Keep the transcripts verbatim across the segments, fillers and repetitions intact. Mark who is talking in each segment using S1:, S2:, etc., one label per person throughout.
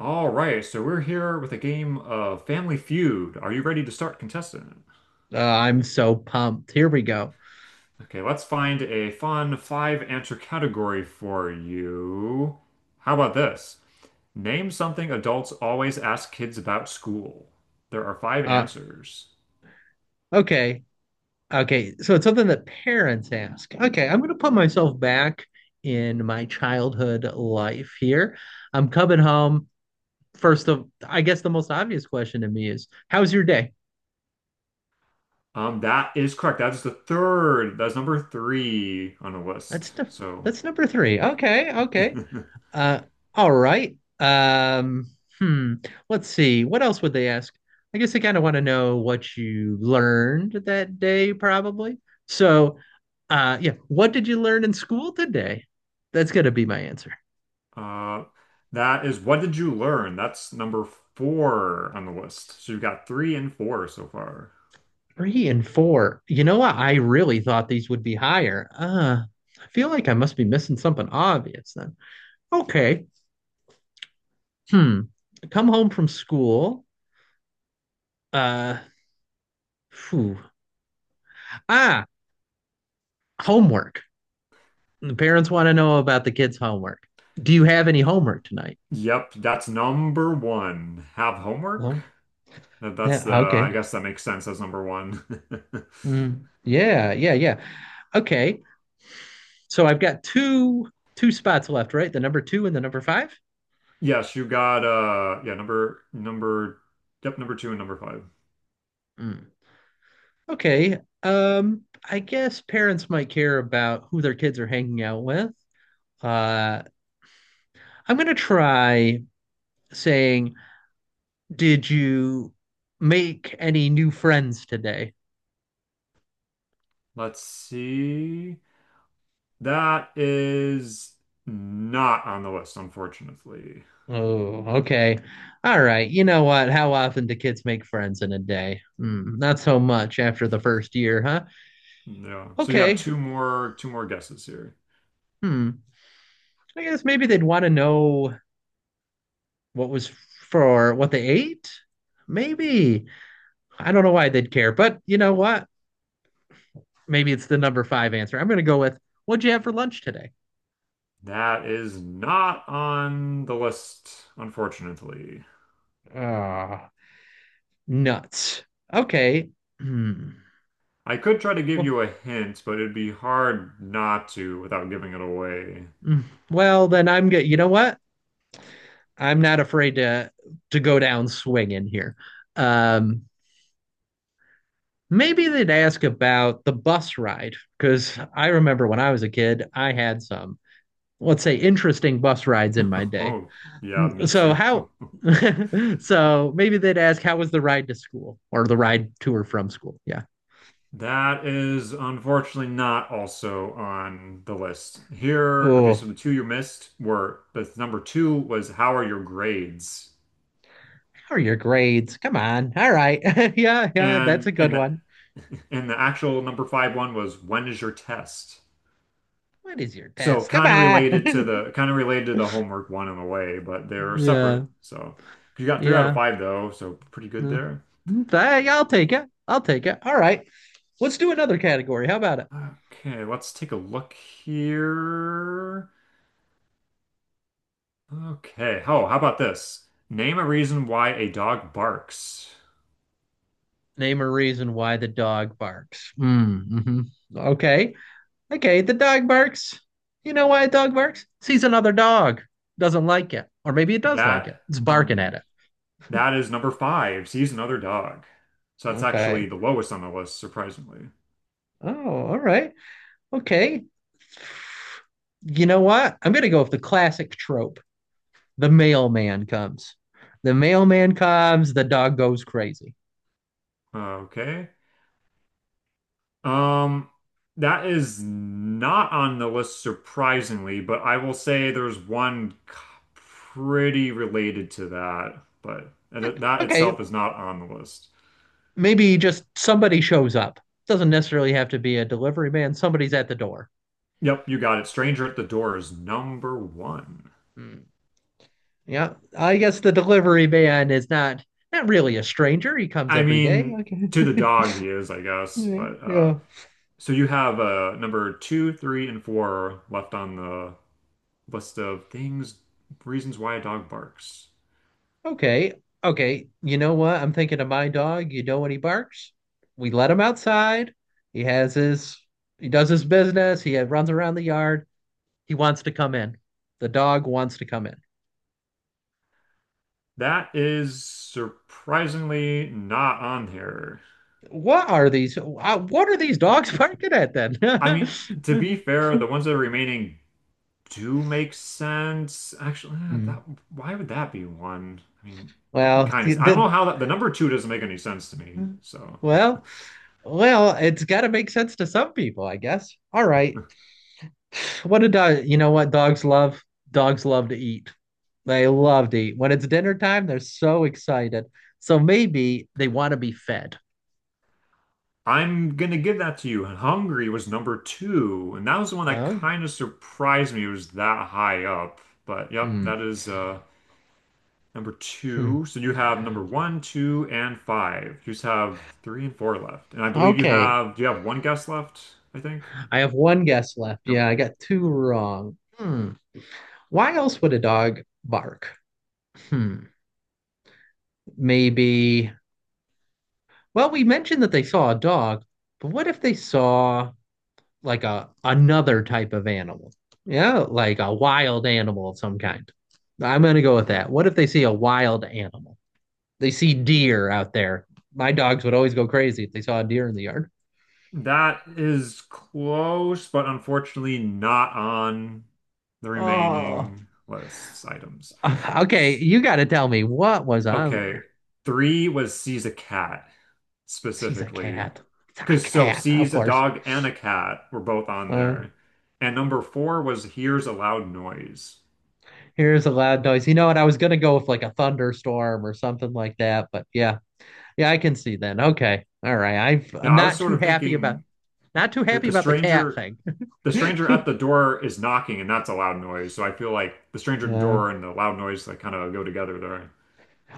S1: All right, so we're here with a game of Family Feud. Are you ready to start, contestant?
S2: Uh, I'm so pumped. Here we go.
S1: Okay, let's find a fun five answer category for you. How about this? Name something adults always ask kids about school. There are five
S2: Uh,
S1: answers.
S2: okay. Okay. So it's something that parents ask. Okay. I'm going to put myself back in my childhood life here. I'm coming home. First of, I guess the most obvious question to me is, how's your day?
S1: Um, that is correct. That is the third. That's number three on the
S2: That's
S1: list.
S2: the,
S1: So,
S2: that's number three.
S1: nope.
S2: Okay. Okay. Uh, all right. Um, hmm. Let's see. What else would they ask? I guess they kind of want to know what you learned that day, probably. So, uh, yeah, what did you learn in school today? That's gonna be my answer.
S1: Uh, that is what did you learn? That's number four on the list. So you've got three and four so far.
S2: Three and four. You know what? I really thought these would be higher. Uh, I feel like I must be missing something obvious then. Okay. Hmm. Come home from school. Uh, phew. Ah, Homework. The parents want to know about the kids' homework. Do you have any homework tonight?
S1: Yep, that's number one. Have homework?
S2: Well,
S1: That- That's
S2: yeah,
S1: the, I
S2: okay.
S1: guess that makes sense as number one.
S2: Mm, yeah, yeah, yeah. Okay. So I've got two two spots left, right? The number two and the number five?
S1: Yes, you got uh yeah, number number yep, number two and number five.
S2: Mm. Okay. Um, I guess parents might care about who their kids are hanging out with. Uh, I'm gonna try saying, "Did you make any new friends today?"
S1: Let's see. That is not on the list, unfortunately.
S2: Oh, okay. All right. You know what? How often do kids make friends in a day? Hmm, not so much after the first year, huh?
S1: No. So you have
S2: Okay.
S1: two more two more guesses here.
S2: Hmm. I guess maybe they'd want to know what was for what they ate. Maybe. I don't know why they'd care, but you know what? Maybe it's the number five answer. I'm going to go with what'd you have for lunch today?
S1: That is not on the list, unfortunately.
S2: Ah, nuts. Okay. Hmm.
S1: I could try to give
S2: Well,
S1: you a hint, but it'd be hard not to without giving it away.
S2: mm, well, then I'm good. You know what? I'm not afraid to to go down swinging here. Um, Maybe they'd ask about the bus ride because I remember when I was a kid, I had some, let's say, interesting bus rides in my day.
S1: Oh, yeah, me
S2: So
S1: too.
S2: how? So maybe they'd ask how was the ride to school or the ride to or from school? Yeah.
S1: That is unfortunately not also on the list. Here, okay, so
S2: Oh,
S1: the two you missed were the number two was how are your grades?
S2: how are your grades? Come on. All right. Yeah, yeah, that's
S1: And
S2: a good
S1: and the,
S2: one.
S1: and the actual number five one was when is your test?
S2: What is your
S1: So
S2: test? Come
S1: kind of related to
S2: on.
S1: the kind of related to the homework one in a way, but they're separate.
S2: Yeah.
S1: So you got three out of
S2: Yeah.
S1: five though, so pretty good there.
S2: Mm-hmm. Mm. Hey, yeah, I'll take it. I'll take it. All right. Let's do another category. How about it?
S1: Okay, let's take a look here. Okay. Oh, how about this? Name a reason why a dog barks.
S2: Name a reason why the dog barks. Mm, hmm. Okay. Okay. The dog barks. You know why a dog barks? Sees another dog, doesn't like it. Or maybe it does like it.
S1: That
S2: It's barking at
S1: um
S2: it.
S1: that is number five. Sees another dog. So that's actually
S2: Okay.
S1: the lowest on the list, surprisingly.
S2: Oh, all right. Okay. You know what? I'm going to go with the classic trope. The mailman comes. The mailman comes, the dog goes crazy.
S1: Okay. Um that is not on the list, surprisingly, but I will say there's one c- pretty related to that, but that that
S2: Okay,
S1: itself is not on the list.
S2: maybe just somebody shows up. Doesn't necessarily have to be a delivery man. Somebody's at the door.
S1: Yep, you got it. Stranger at the Door is number one.
S2: Hmm. Yeah, I guess the delivery man is not not really a stranger. He comes
S1: I
S2: every day.
S1: mean, to the
S2: Okay.
S1: dog he is, I guess.
S2: Yeah,
S1: But uh,
S2: yeah.
S1: So you have uh, number two, three, and four left on the list of things, reasons why a dog barks.
S2: Okay. Okay. You know what? I'm thinking of my dog. You know when he barks? We let him outside. He has his he does his business. He runs around the yard. He wants to come in. The dog wants to come in.
S1: That is surprisingly not on here.
S2: What are these? uh, What are these dogs barking at then?
S1: I mean, to be fair, the ones that are remaining do make sense. Actually, eh,
S2: Mm.
S1: that Why would that be one? I mean, I can
S2: Well,
S1: kind
S2: the,
S1: of I don't
S2: the-
S1: know how that the number two doesn't make any sense to me. So.
S2: well, well, it's got to make sense to some people, I guess. All right. What a dog, you know what dogs love? Dogs love to eat. They love to eat. When it's dinner time, they're so excited. So maybe they want to be fed.
S1: I'm gonna give that to you. Hungary was number two, and that was the one that
S2: Oh,
S1: kind of surprised me. It was that high up, but yep,
S2: hmm.
S1: that is uh number two.
S2: Hmm.
S1: So you have number one, two, and five. You just have three and four left, and I believe you
S2: Okay.
S1: have. Do you have one guess left? I think.
S2: I have one guess left. Yeah,
S1: Nope.
S2: I got two wrong. Hmm. Why else would a dog bark? Hmm. Maybe. Well, we mentioned that they saw a dog, but what if they saw like a another type of animal. Yeah, like a wild animal of some kind. I'm gonna go with
S1: Okay.
S2: that. What if they see a wild animal? They see
S1: Mhm.
S2: deer out there. My dogs would always go crazy if they saw a deer in the yard.
S1: That is close, but unfortunately not on the
S2: Oh,
S1: remaining lists items.
S2: okay. You got to tell me what was on
S1: Okay.
S2: there.
S1: Three was sees a cat
S2: She's a
S1: specifically.
S2: cat. It's a
S1: Because so
S2: cat, of
S1: sees a
S2: course.
S1: dog and a cat were both on
S2: Uh,
S1: there. And number four was hears a loud noise.
S2: Here's a loud noise. You know what? I was gonna go with like a thunderstorm or something like that, but yeah, yeah, I can see that. Okay, all right. I've,
S1: Yeah,
S2: I'm
S1: I was
S2: not
S1: sort
S2: too
S1: of
S2: happy about,
S1: thinking
S2: not too
S1: that
S2: happy
S1: the
S2: about the cat
S1: stranger
S2: thing.
S1: the stranger at the door is knocking and that's a loud noise. So I feel like the stranger at the
S2: Yeah.
S1: door and the loud noise like kind of go together there.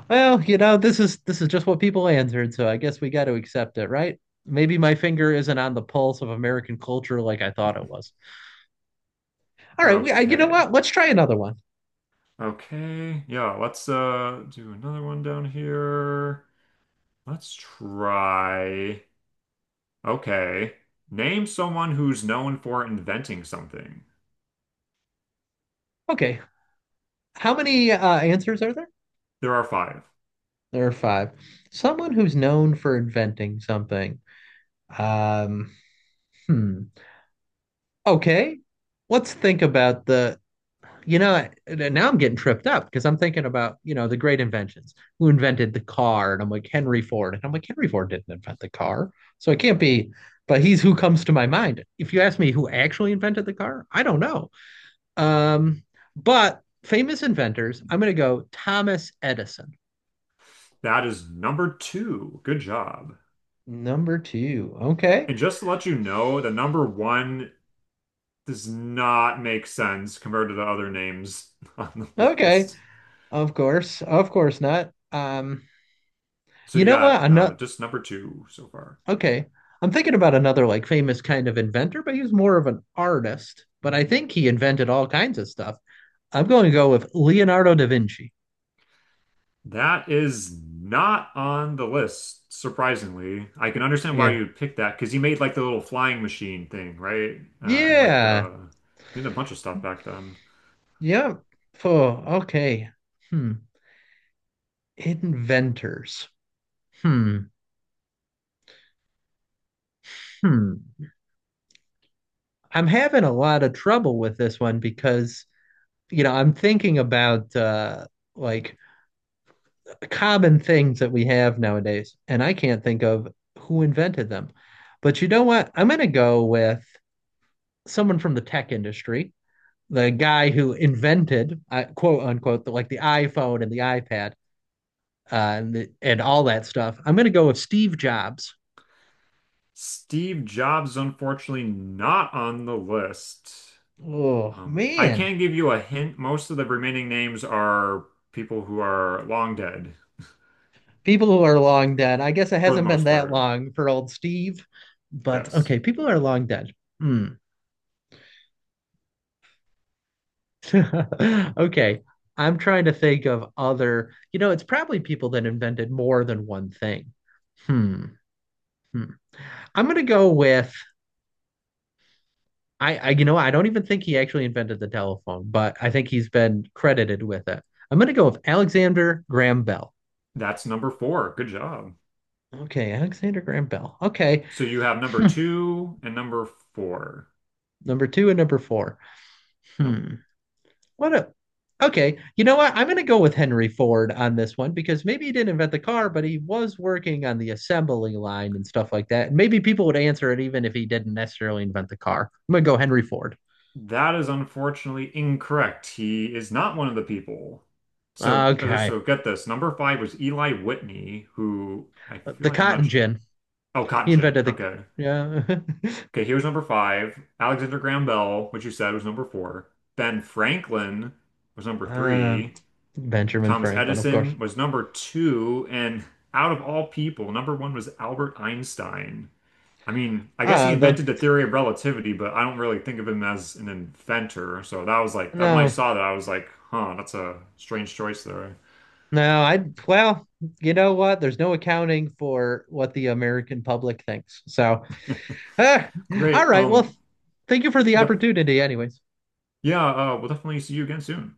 S2: Well, you know, this is this is just what people answered, so I guess we got to accept it, right? Maybe my finger isn't on the pulse of American culture like I thought it was. All right, we, I, you know
S1: Okay.
S2: what? Let's try another one.
S1: Okay. Yeah, let's uh do another one down here. Let's try. Okay. Name someone who's known for inventing something.
S2: Okay, how many uh, answers are there?
S1: There are five.
S2: There are five. Someone who's known for inventing something. Um, hmm. Okay, let's think about the you know, now I'm getting tripped up because I'm thinking about, you know, the great inventions, who invented the car. And I'm like, Henry Ford. And I'm like, Henry Ford didn't invent the car. So it can't be, but he's who comes to my mind. If you ask me who actually invented the car, I don't know. Um, but famous inventors, I'm going to go Thomas Edison,
S1: That is number two. Good job.
S2: number two. Okay.
S1: And just to let you know, the number one does not make sense compared to the other names on the
S2: Okay.
S1: list.
S2: Of course. Of course not. Um,
S1: So
S2: you
S1: you
S2: know what?
S1: got uh,
S2: Ano-
S1: just number two so far.
S2: Okay. I'm thinking about another like famous kind of inventor, but he was more of an artist. But I think he invented all kinds of stuff. I'm going to go with Leonardo da Vinci.
S1: That is not on the list, surprisingly. I can understand why
S2: Yeah.
S1: you'd pick that because he made like the little flying machine thing, right? Uh, and like
S2: Yeah.
S1: the, he did a bunch of stuff back then.
S2: Yep. Oh, okay. Hmm. Inventors. Hmm. Hmm. I'm having a lot of trouble with this one because, you know, I'm thinking about uh like common things that we have nowadays, and I can't think of who invented them. But you know what? I'm going to go with someone from the tech industry, the guy who invented uh, quote unquote the, like the iPhone and the iPad uh, and the, and all that stuff. I'm gonna go with Steve Jobs.
S1: Steve Jobs, unfortunately, not on the list.
S2: Oh
S1: Um, I
S2: man,
S1: can give you a hint. Most of the remaining names are people who are long dead,
S2: people who are long dead. I guess it
S1: for the
S2: hasn't been
S1: most
S2: that
S1: part.
S2: long for old Steve, but
S1: Yes.
S2: okay, people are long dead. Hmm. Okay, I'm trying to think of other. You know, it's probably people that invented more than one thing. Hmm. Hmm. I'm gonna go with I, I, you know, I don't even think he actually invented the telephone, but I think he's been credited with it. I'm going to go with Alexander Graham Bell.
S1: That's number four. Good job.
S2: Okay, Alexander Graham Bell. Okay.
S1: So you have number
S2: Hmm.
S1: two and number four.
S2: Number two and number four.
S1: No,
S2: Hmm. What a. Okay, you know what? I'm going to go with Henry Ford on this one because maybe he didn't invent the car, but he was working on the assembly line and stuff like that. Maybe people would answer it even if he didn't necessarily invent the car. I'm going to go Henry Ford.
S1: that is unfortunately incorrect. He is not one of the people. So, uh, so
S2: Okay,
S1: get this. Number five was Eli Whitney, who I feel
S2: the
S1: like I'm not.
S2: cotton
S1: su-
S2: gin.
S1: Oh, Cotton
S2: He
S1: Gin.
S2: invented the.
S1: Okay.
S2: Yeah.
S1: Okay, he was number five. Alexander Graham Bell, which you said was number four. Ben Franklin was number
S2: Uh,
S1: three.
S2: Benjamin
S1: Thomas
S2: Franklin, of course.
S1: Edison was number two. And out of all people, number one was Albert Einstein. I mean, I guess he
S2: Uh, the
S1: invented the theory of relativity, but I don't really think of him as an inventor. So that was like that when I
S2: no,
S1: saw that, I was like, huh, that's a strange choice there.
S2: No, I well, you know what? There's no accounting for what the American public thinks. So, ah,
S1: Great.
S2: all right. Well,
S1: Um,
S2: thank you for the
S1: yep.
S2: opportunity, anyways.
S1: Yeah, uh, we'll definitely see you again soon.